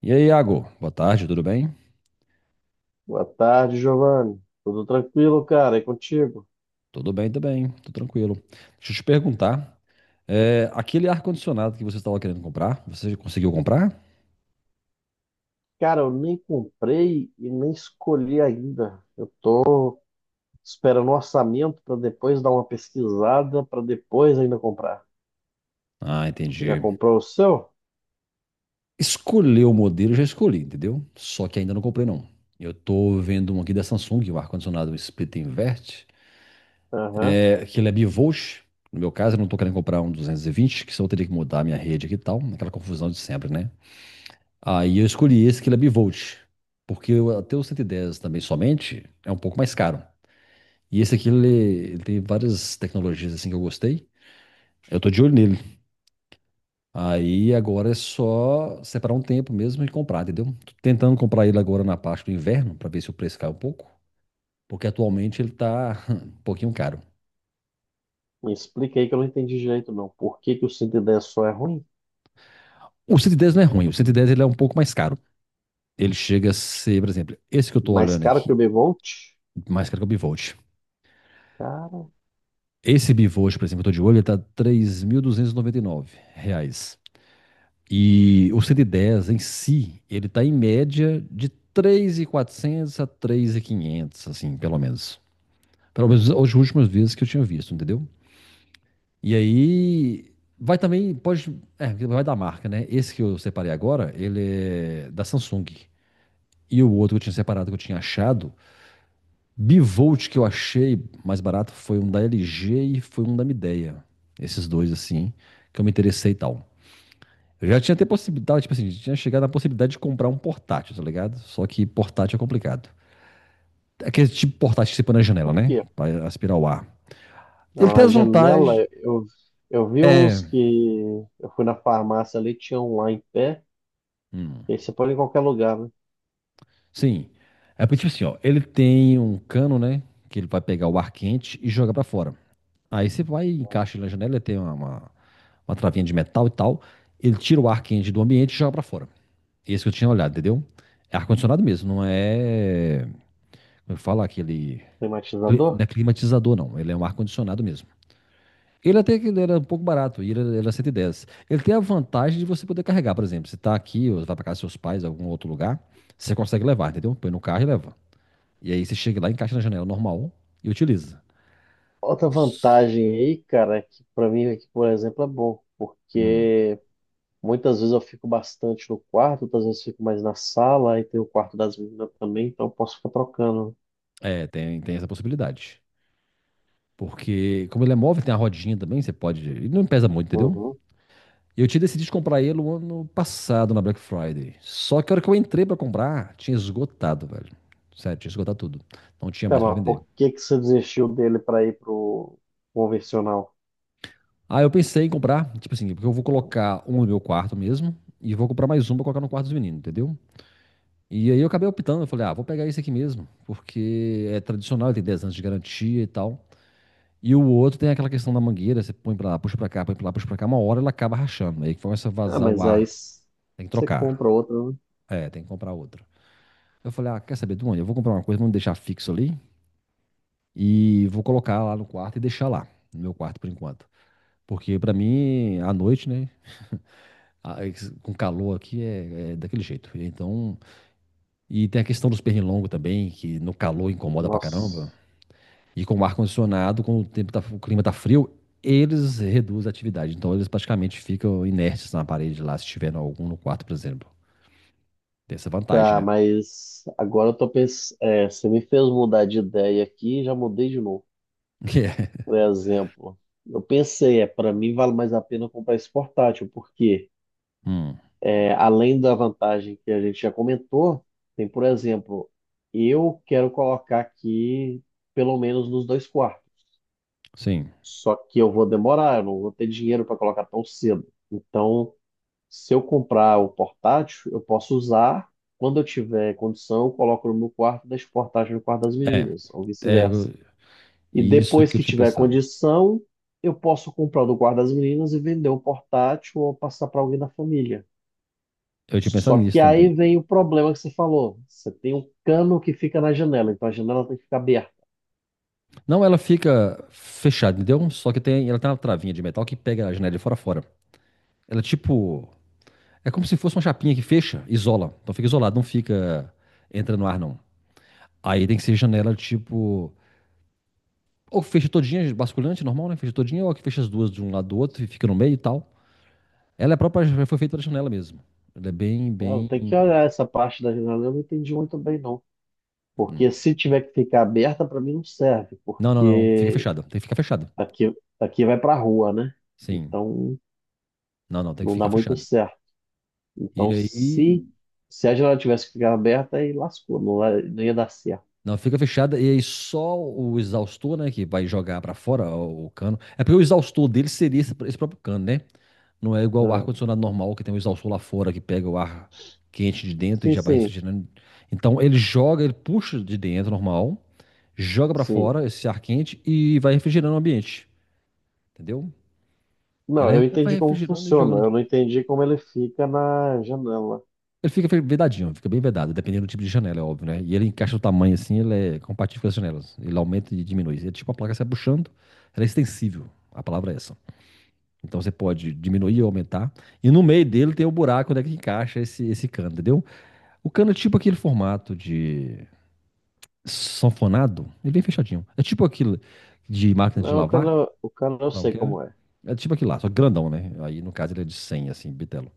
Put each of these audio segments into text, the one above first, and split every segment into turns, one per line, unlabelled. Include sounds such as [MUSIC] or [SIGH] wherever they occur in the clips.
E aí, Iago? Boa tarde, tudo bem?
Boa tarde, Giovanni. Tudo tranquilo, cara? E contigo?
Tudo bem também, tô tranquilo. Deixa eu te perguntar, aquele ar-condicionado que você estava querendo comprar, você conseguiu comprar?
Cara, eu nem comprei e nem escolhi ainda. Eu tô esperando o orçamento para depois dar uma pesquisada, para depois ainda comprar.
Ah,
Já
entendi.
comprou o seu?
Escolher o modelo, eu já escolhi, entendeu? Só que ainda não comprei, não. Eu tô vendo um aqui da Samsung, o ar-condicionado split invert,
Aham.
que ele é bivolt. No meu caso, eu não tô querendo comprar um 220, que senão eu teria que mudar a minha rede aqui e tal, aquela confusão de sempre, né? Aí eu escolhi esse que ele é bivolt, porque até o 110 também somente é um pouco mais caro. E esse aqui, ele tem várias tecnologias assim que eu gostei. Eu tô de olho nele. Aí agora é só separar um tempo mesmo e comprar, entendeu? Tô tentando comprar ele agora na parte do inverno, pra ver se o preço cai um pouco. Porque atualmente ele tá [LAUGHS] um pouquinho caro.
Me explica aí que eu não entendi direito, não. Por que que o 110 só é ruim?
O 110 não é ruim, o 110 ele é um pouco mais caro. Ele chega a ser, por exemplo, esse que eu tô
Mais
olhando
caro que
aqui,
o Bevolt?
mais caro que o Bivolt.
Cara,
Esse Bivolt, por exemplo, eu tô de olho, ele tá R$ 3.299 reais. E o 110 em si, ele está em média de 3.400 a 3.500, assim, pelo menos. Pelo menos as últimas vezes que eu tinha visto, entendeu? E aí vai também, pode, vai da marca, né? Esse que eu separei agora, ele é da Samsung. E o outro que eu tinha separado, que eu tinha achado, bivolt que eu achei mais barato foi um da LG e foi um da Midea. Esses dois, assim, que eu me interessei e tal. Eu já tinha até possibilidade, tipo assim, tinha chegado na possibilidade de comprar um portátil, tá ligado? Só que portátil é complicado. É aquele tipo de portátil que você põe na janela,
por
né?
quê?
Pra aspirar o ar. Ele
Não,
tem
na
as
janela,
vantagens.
eu vi uns
É.
que eu fui na farmácia ali, tinha um lá em pé.
Hum,
E aí você põe em qualquer lugar, né?
sim. É porque, tipo assim, ó, ele tem um cano, né? Que ele vai pegar o ar quente e jogar pra fora. Aí você vai, e encaixa ele na janela, ele tem uma travinha de metal e tal. Ele tira o ar quente do ambiente e joga pra fora. Esse que eu tinha olhado, entendeu? É ar-condicionado mesmo, não é. Como eu falo, aquele Não
Climatizador?
é climatizador, não. Ele é um ar-condicionado mesmo. Ele até que ele era um pouco barato, e ele ele era 110. Ele tem a vantagem de você poder carregar, por exemplo, você tá aqui, ou vai para casa dos seus pais, algum outro lugar, você consegue levar, entendeu? Põe no carro e leva. E aí você chega lá, encaixa na janela normal e utiliza.
Outra vantagem aí, cara, é que pra mim aqui, por exemplo, é bom,
Hum.
porque muitas vezes eu fico bastante no quarto, outras vezes fico mais na sala, e tem o quarto das meninas também, então eu posso ficar trocando.
É, tem essa possibilidade. Porque, como ele é móvel, tem a rodinha também, você pode. Ele não pesa muito, entendeu?
Uhum.
Eu tinha decidido comprar ele o ano passado na Black Friday. Só que a hora que eu entrei pra comprar, tinha esgotado, velho. Sério, tinha esgotado tudo. Não tinha
Tá,
mais pra
mas
vender.
por que que você desistiu dele pra ir pro convencional?
Aí eu pensei em comprar, tipo assim, porque eu vou colocar um no meu quarto mesmo e vou comprar mais um pra colocar no quarto dos meninos, entendeu? E aí eu acabei optando, eu falei, ah, vou pegar esse aqui mesmo, porque é tradicional, ele tem 10 anos de garantia e tal. E o outro tem aquela questão da mangueira, você põe pra lá, puxa pra cá, põe pra lá, puxa pra cá, uma hora ela acaba rachando, aí começa a
Ah,
vazar o
mas aí
ar, tem que
você
trocar.
compra outro, né?
É, tem que comprar outra. Eu falei, ah, quer saber, Duane? Eu vou comprar uma coisa, vamos deixar fixo ali e vou colocar lá no quarto e deixar lá, no meu quarto por enquanto. Porque pra mim, à noite, né, com calor aqui é, é daquele jeito. Então, e tem a questão dos pernilongos também, que no calor incomoda pra caramba.
Nossa.
E com o ar-condicionado, quando o tempo tá, o clima tá frio, eles reduzem a atividade. Então, eles praticamente ficam inertes na parede lá, se tiver algum no quarto, por exemplo. Tem essa vantagem,
Tá,
né?
mas agora eu tô pensando. É, você me fez mudar de ideia aqui e já mudei de novo.
[LAUGHS] Que é.
Por exemplo, eu pensei, é, para mim vale mais a pena comprar esse portátil, porque
Hum,
é, além da vantagem que a gente já comentou, tem, por exemplo, eu quero colocar aqui pelo menos nos dois quartos.
sim.
Só que eu vou demorar, eu não vou ter dinheiro para colocar tão cedo. Então, se eu comprar o portátil, eu posso usar quando eu tiver condição, eu coloco no meu quarto, e deixo o portátil no quarto das
É,
meninas, ou
é
vice-versa.
eu-
E
isso
depois
que eu
que
tinha
tiver
pensado.
condição, eu posso comprar do guarda das meninas e vender o portátil ou passar para alguém da família.
Eu tinha pensado
Só
nisso
que aí
também.
vem o problema que você falou. Você tem um cano que fica na janela, então a janela tem que ficar aberta.
Não, ela fica fechada, entendeu? Só que tem, ela tem uma travinha de metal que pega a janela de fora a fora. Ela é tipo. É como se fosse uma chapinha que fecha, isola. Então fica isolado, não fica. Entra no ar, não. Aí tem que ser janela tipo. Ou fecha todinha, basculante, normal, né? Fecha todinha, ou que fecha as duas de um lado do outro e fica no meio e tal. Ela é própria, já foi feita pra janela mesmo. Ela é bem,
Eu
bem.
tenho
hum.
que olhar essa parte da janela, eu não entendi muito bem, não. Porque se tiver que ficar aberta, para mim não serve,
Não, não, não. Fica
porque
fechada. Tem que ficar fechada.
aqui, aqui vai para a rua, né?
Sim.
Então
Não, não, tem que
não dá
ficar
muito
fechada.
certo.
E
Então se,
aí
se a janela tivesse que ficar aberta, aí lascou, não, não ia dar certo.
Não, fica fechada e aí só o exaustor, né, que vai jogar pra fora o cano. É porque o exaustor dele seria esse próprio cano, né? Não é igual o
Ah.
ar-condicionado normal, que tem um exaustor lá fora que pega o ar quente de dentro e
Sim,
já vai
sim,
refrigerando. Então ele joga, ele puxa de dentro normal, joga pra
sim.
fora esse ar quente e vai refrigerando o ambiente, entendeu?
Não,
Ele
eu
vai
entendi como
refrigerando e
funciona,
jogando.
eu não entendi como ele fica na janela.
Ele fica vedadinho, fica bem vedado, dependendo do tipo de janela, é óbvio, né? E ele encaixa o tamanho assim, ele é compatível com as janelas. Ele aumenta e diminui. É tipo a placa se abuchando, ela é extensível. A palavra é essa. Então você pode diminuir ou aumentar. E no meio dele tem o buraco onde é que encaixa esse cano, entendeu? O cano é tipo aquele formato de sanfonado, ele é bem fechadinho. É tipo aquilo de máquina de
Não,
lavar,
o cano eu
não
sei
que é, né?
como é.
É tipo aquilo lá, só que grandão, né? Aí no caso ele é de 100 assim, bitelo.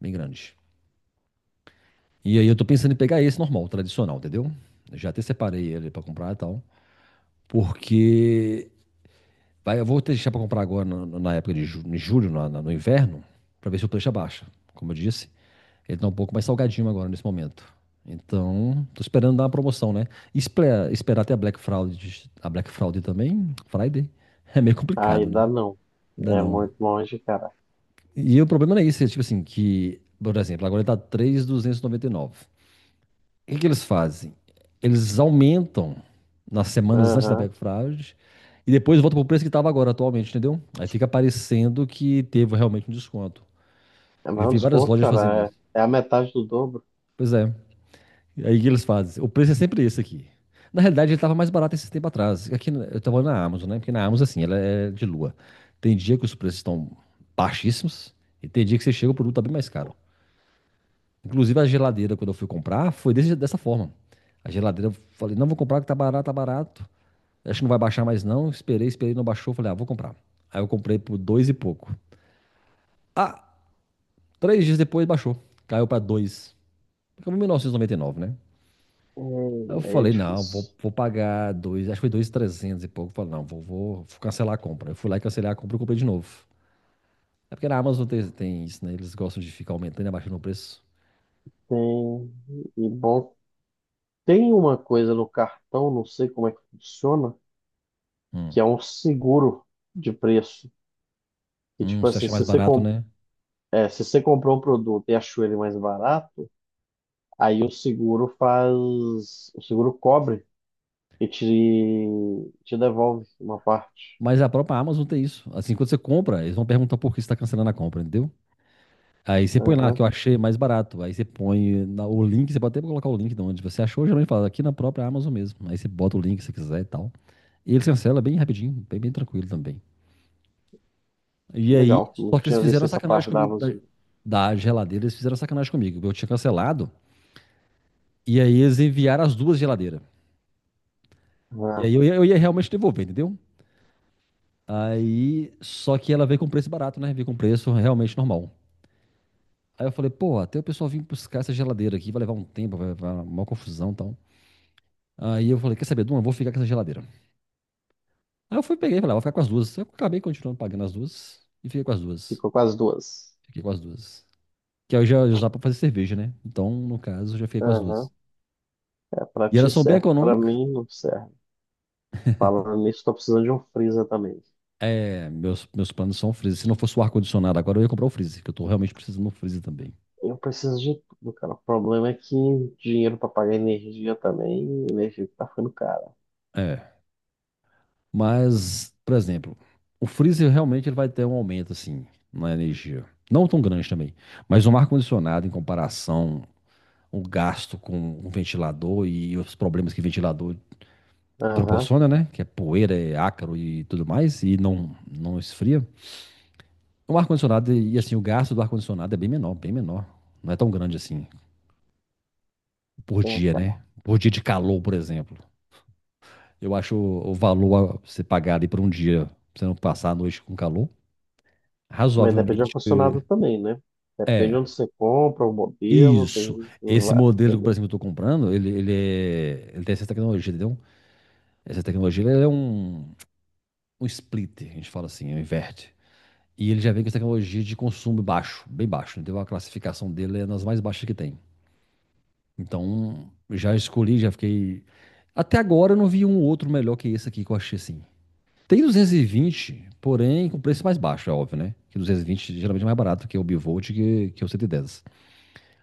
Bem grande. E aí eu tô pensando em pegar esse normal, tradicional, entendeu? Eu já até separei ele pra comprar e tal. Porque vai, eu vou deixar pra comprar agora na época de em julho, no inverno, pra ver se o preço abaixa. Como eu disse, ele tá um pouco mais salgadinho agora nesse momento. Então, tô esperando dar uma promoção, né? Esperar até a Black Friday também, Friday, [LAUGHS] é meio
Aí
complicado, né?
dá não.
Ainda
É
não.
muito longe, cara.
E o problema não é isso, é tipo assim, que, por exemplo, agora ele tá 3.299. O que que eles fazem? Eles aumentam nas semanas antes da
Aham.
Black Friday e depois volta pro preço que estava agora atualmente, entendeu? Aí fica parecendo que teve realmente um desconto.
É
Eu
mais um
vi várias
desconto,
lojas fazendo
cara.
isso.
É, é a metade do dobro.
Pois é. E aí o que eles fazem? O preço é sempre esse aqui. Na realidade, ele estava mais barato esse tempo atrás. Aqui eu estava na Amazon, né? Porque na Amazon, assim, ela é de lua. Tem dia que os preços estão baixíssimos e tem dia que você chega o produto tá bem mais caro. Inclusive a geladeira, quando eu fui comprar, foi dessa forma. A geladeira, eu falei, não, vou comprar que tá barato, tá barato. Acho que não vai baixar mais não. Esperei, esperei, não baixou. Falei, ah, vou comprar. Aí eu comprei por dois e pouco. Ah, três dias depois baixou. Caiu pra dois. Ficou em 1.999, né? Aí eu
Aí é
falei, não, vou,
difícil.
vou pagar dois, acho que foi dois trezentos e pouco. Falei, não, vou cancelar a compra. Eu fui lá e cancelei a compra e comprei de novo. É porque na Amazon tem isso, né? Eles gostam de ficar aumentando e abaixando o preço.
Tem, e bom, tem uma coisa no cartão, não sei como é que funciona,
Hum,
que é um seguro de preço. Que tipo
você
assim,
acha mais
se você,
barato, né?
é, se você comprou um produto e achou ele mais barato, aí o seguro faz, o seguro cobre e te devolve uma parte.
Mas a própria Amazon tem isso. Assim, quando você compra, eles vão perguntar por que você está cancelando a compra, entendeu? Aí você põe lá que
Aham,
eu achei mais barato. Aí você põe o link, você pode até colocar o link de onde você achou, geralmente fala aqui na própria Amazon mesmo. Aí você bota o link se quiser e tal. E eles cancelam bem rapidinho, bem, bem tranquilo também. E aí,
legal, não
só que eles
tinha
fizeram
visto
uma
essa
sacanagem
parte da
comigo da,
Amazon.
da geladeira, eles fizeram uma sacanagem comigo. Eu tinha cancelado, e aí eles enviaram as duas geladeiras. E
Ah,
aí eu ia realmente devolver, entendeu? Aí, só que ela veio com preço barato, né? Veio com preço realmente normal. Aí eu falei, pô, até o pessoal vir buscar essa geladeira aqui, vai levar um tempo, vai dar uma confusão e tal. Aí eu falei, quer saber, Duma, vou ficar com essa geladeira. Aí eu fui, peguei e falei, ah, vou ficar com as duas. Eu acabei continuando pagando as duas e fiquei com as duas.
ficou com as duas.
Fiquei com as duas. Que aí eu já usava pra fazer cerveja, né? Então, no caso, eu já fiquei com as
Aham,
duas.
é pra
E
ti
elas são bem
serve, pra
econômicas.
mim não serve. Falando nisso, tô precisando de um freezer também.
É, meus planos são o freezer. Se não fosse o ar-condicionado agora, eu ia comprar o freezer, que eu tô realmente precisando do freezer também.
Eu preciso de tudo, cara. O problema é que dinheiro pra pagar energia também, energia que tá ficando cara.
É. Mas, por exemplo, o freezer realmente ele vai ter um aumento assim na energia. Não tão grande também, mas um ar-condicionado em comparação o gasto com um ventilador e os problemas que ventilador
Aham,
proporciona, né? Que é poeira, é ácaro e tudo mais, e não, não esfria. O ar-condicionado e assim, o gasto do ar-condicionado é bem menor, bem menor. Não é tão grande assim por
é,
dia,
cara.
né? Por dia de calor, por exemplo. Eu acho o valor a você pagar ali por um dia, pra você não passar a noite com calor,
Mas depende do
razoavelmente.
ar-condicionado também, né? Depende de
É,
onde você compra, o modelo,
isso.
tem,
Esse modelo que, por exemplo, eu estou comprando, ele tem essa tecnologia, entendeu? Essa tecnologia ele é um splitter, a gente fala assim, um inverte. E ele já vem com essa tecnologia de consumo baixo, bem baixo, entendeu? A classificação dele é nas mais baixas que tem. Então, já escolhi, já fiquei. Até agora eu não vi um outro melhor que esse aqui que eu achei assim. Tem 220, porém com preço mais baixo, é óbvio, né? Que 220 geralmente é mais barato que o Bivolt que o 110.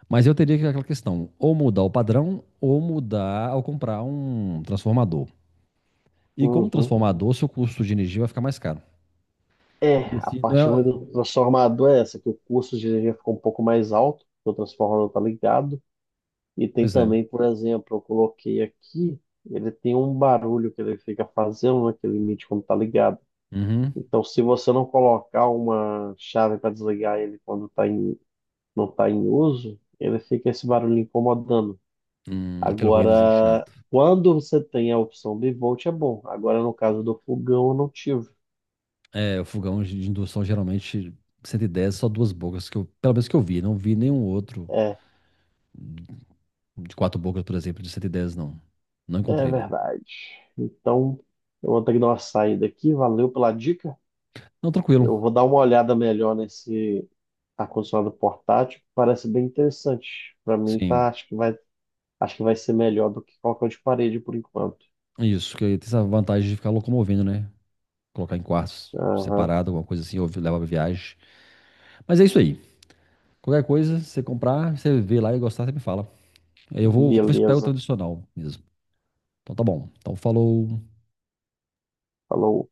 Mas eu teria que aquela questão, ou mudar o padrão, ou mudar ao comprar um transformador. E com o
uhum.
transformador, seu custo de energia vai ficar mais caro.
É,
E
a
se
parte
não
ruim
é...
do transformador é essa, que o custo de energia ficou um pouco mais alto, porque o transformador tá ligado. E tem
Pois é.
também, por exemplo, eu coloquei aqui, ele tem um barulho que ele fica fazendo, né, que ele emite quando tá ligado.
Uhum.
Então, se você não colocar uma chave para desligar ele quando tá em, não tá em uso, ele fica esse barulho incomodando.
Aquele ruídozinho
Agora,
chato.
quando você tem a opção bivolt, é bom. Agora, no caso do fogão, eu não tive.
É, o fogão de indução geralmente 110, só duas bocas, que eu, pelo menos que eu vi. Não vi nenhum outro
É,
de quatro bocas, por exemplo, de 110, não. Não
é
encontrei, né?
verdade. Então, eu vou ter que dar uma saída aqui. Valeu pela dica.
Não, tranquilo.
Eu vou dar uma olhada melhor nesse ar-condicionado portátil. Parece bem interessante. Para mim, tá,
Sim.
acho que vai ser melhor do que qualquer um de parede por enquanto.
Isso, que tem essa vantagem de ficar locomovendo, né? Colocar em quartos
Aham.
separado, alguma coisa assim, ou leva pra viagem. Mas é isso aí. Qualquer coisa, você comprar, você vê lá e gostar, você me fala. Aí eu vou, vou ver se eu pego o
Beleza.
tradicional mesmo. Então tá bom. Então falou.
Falou.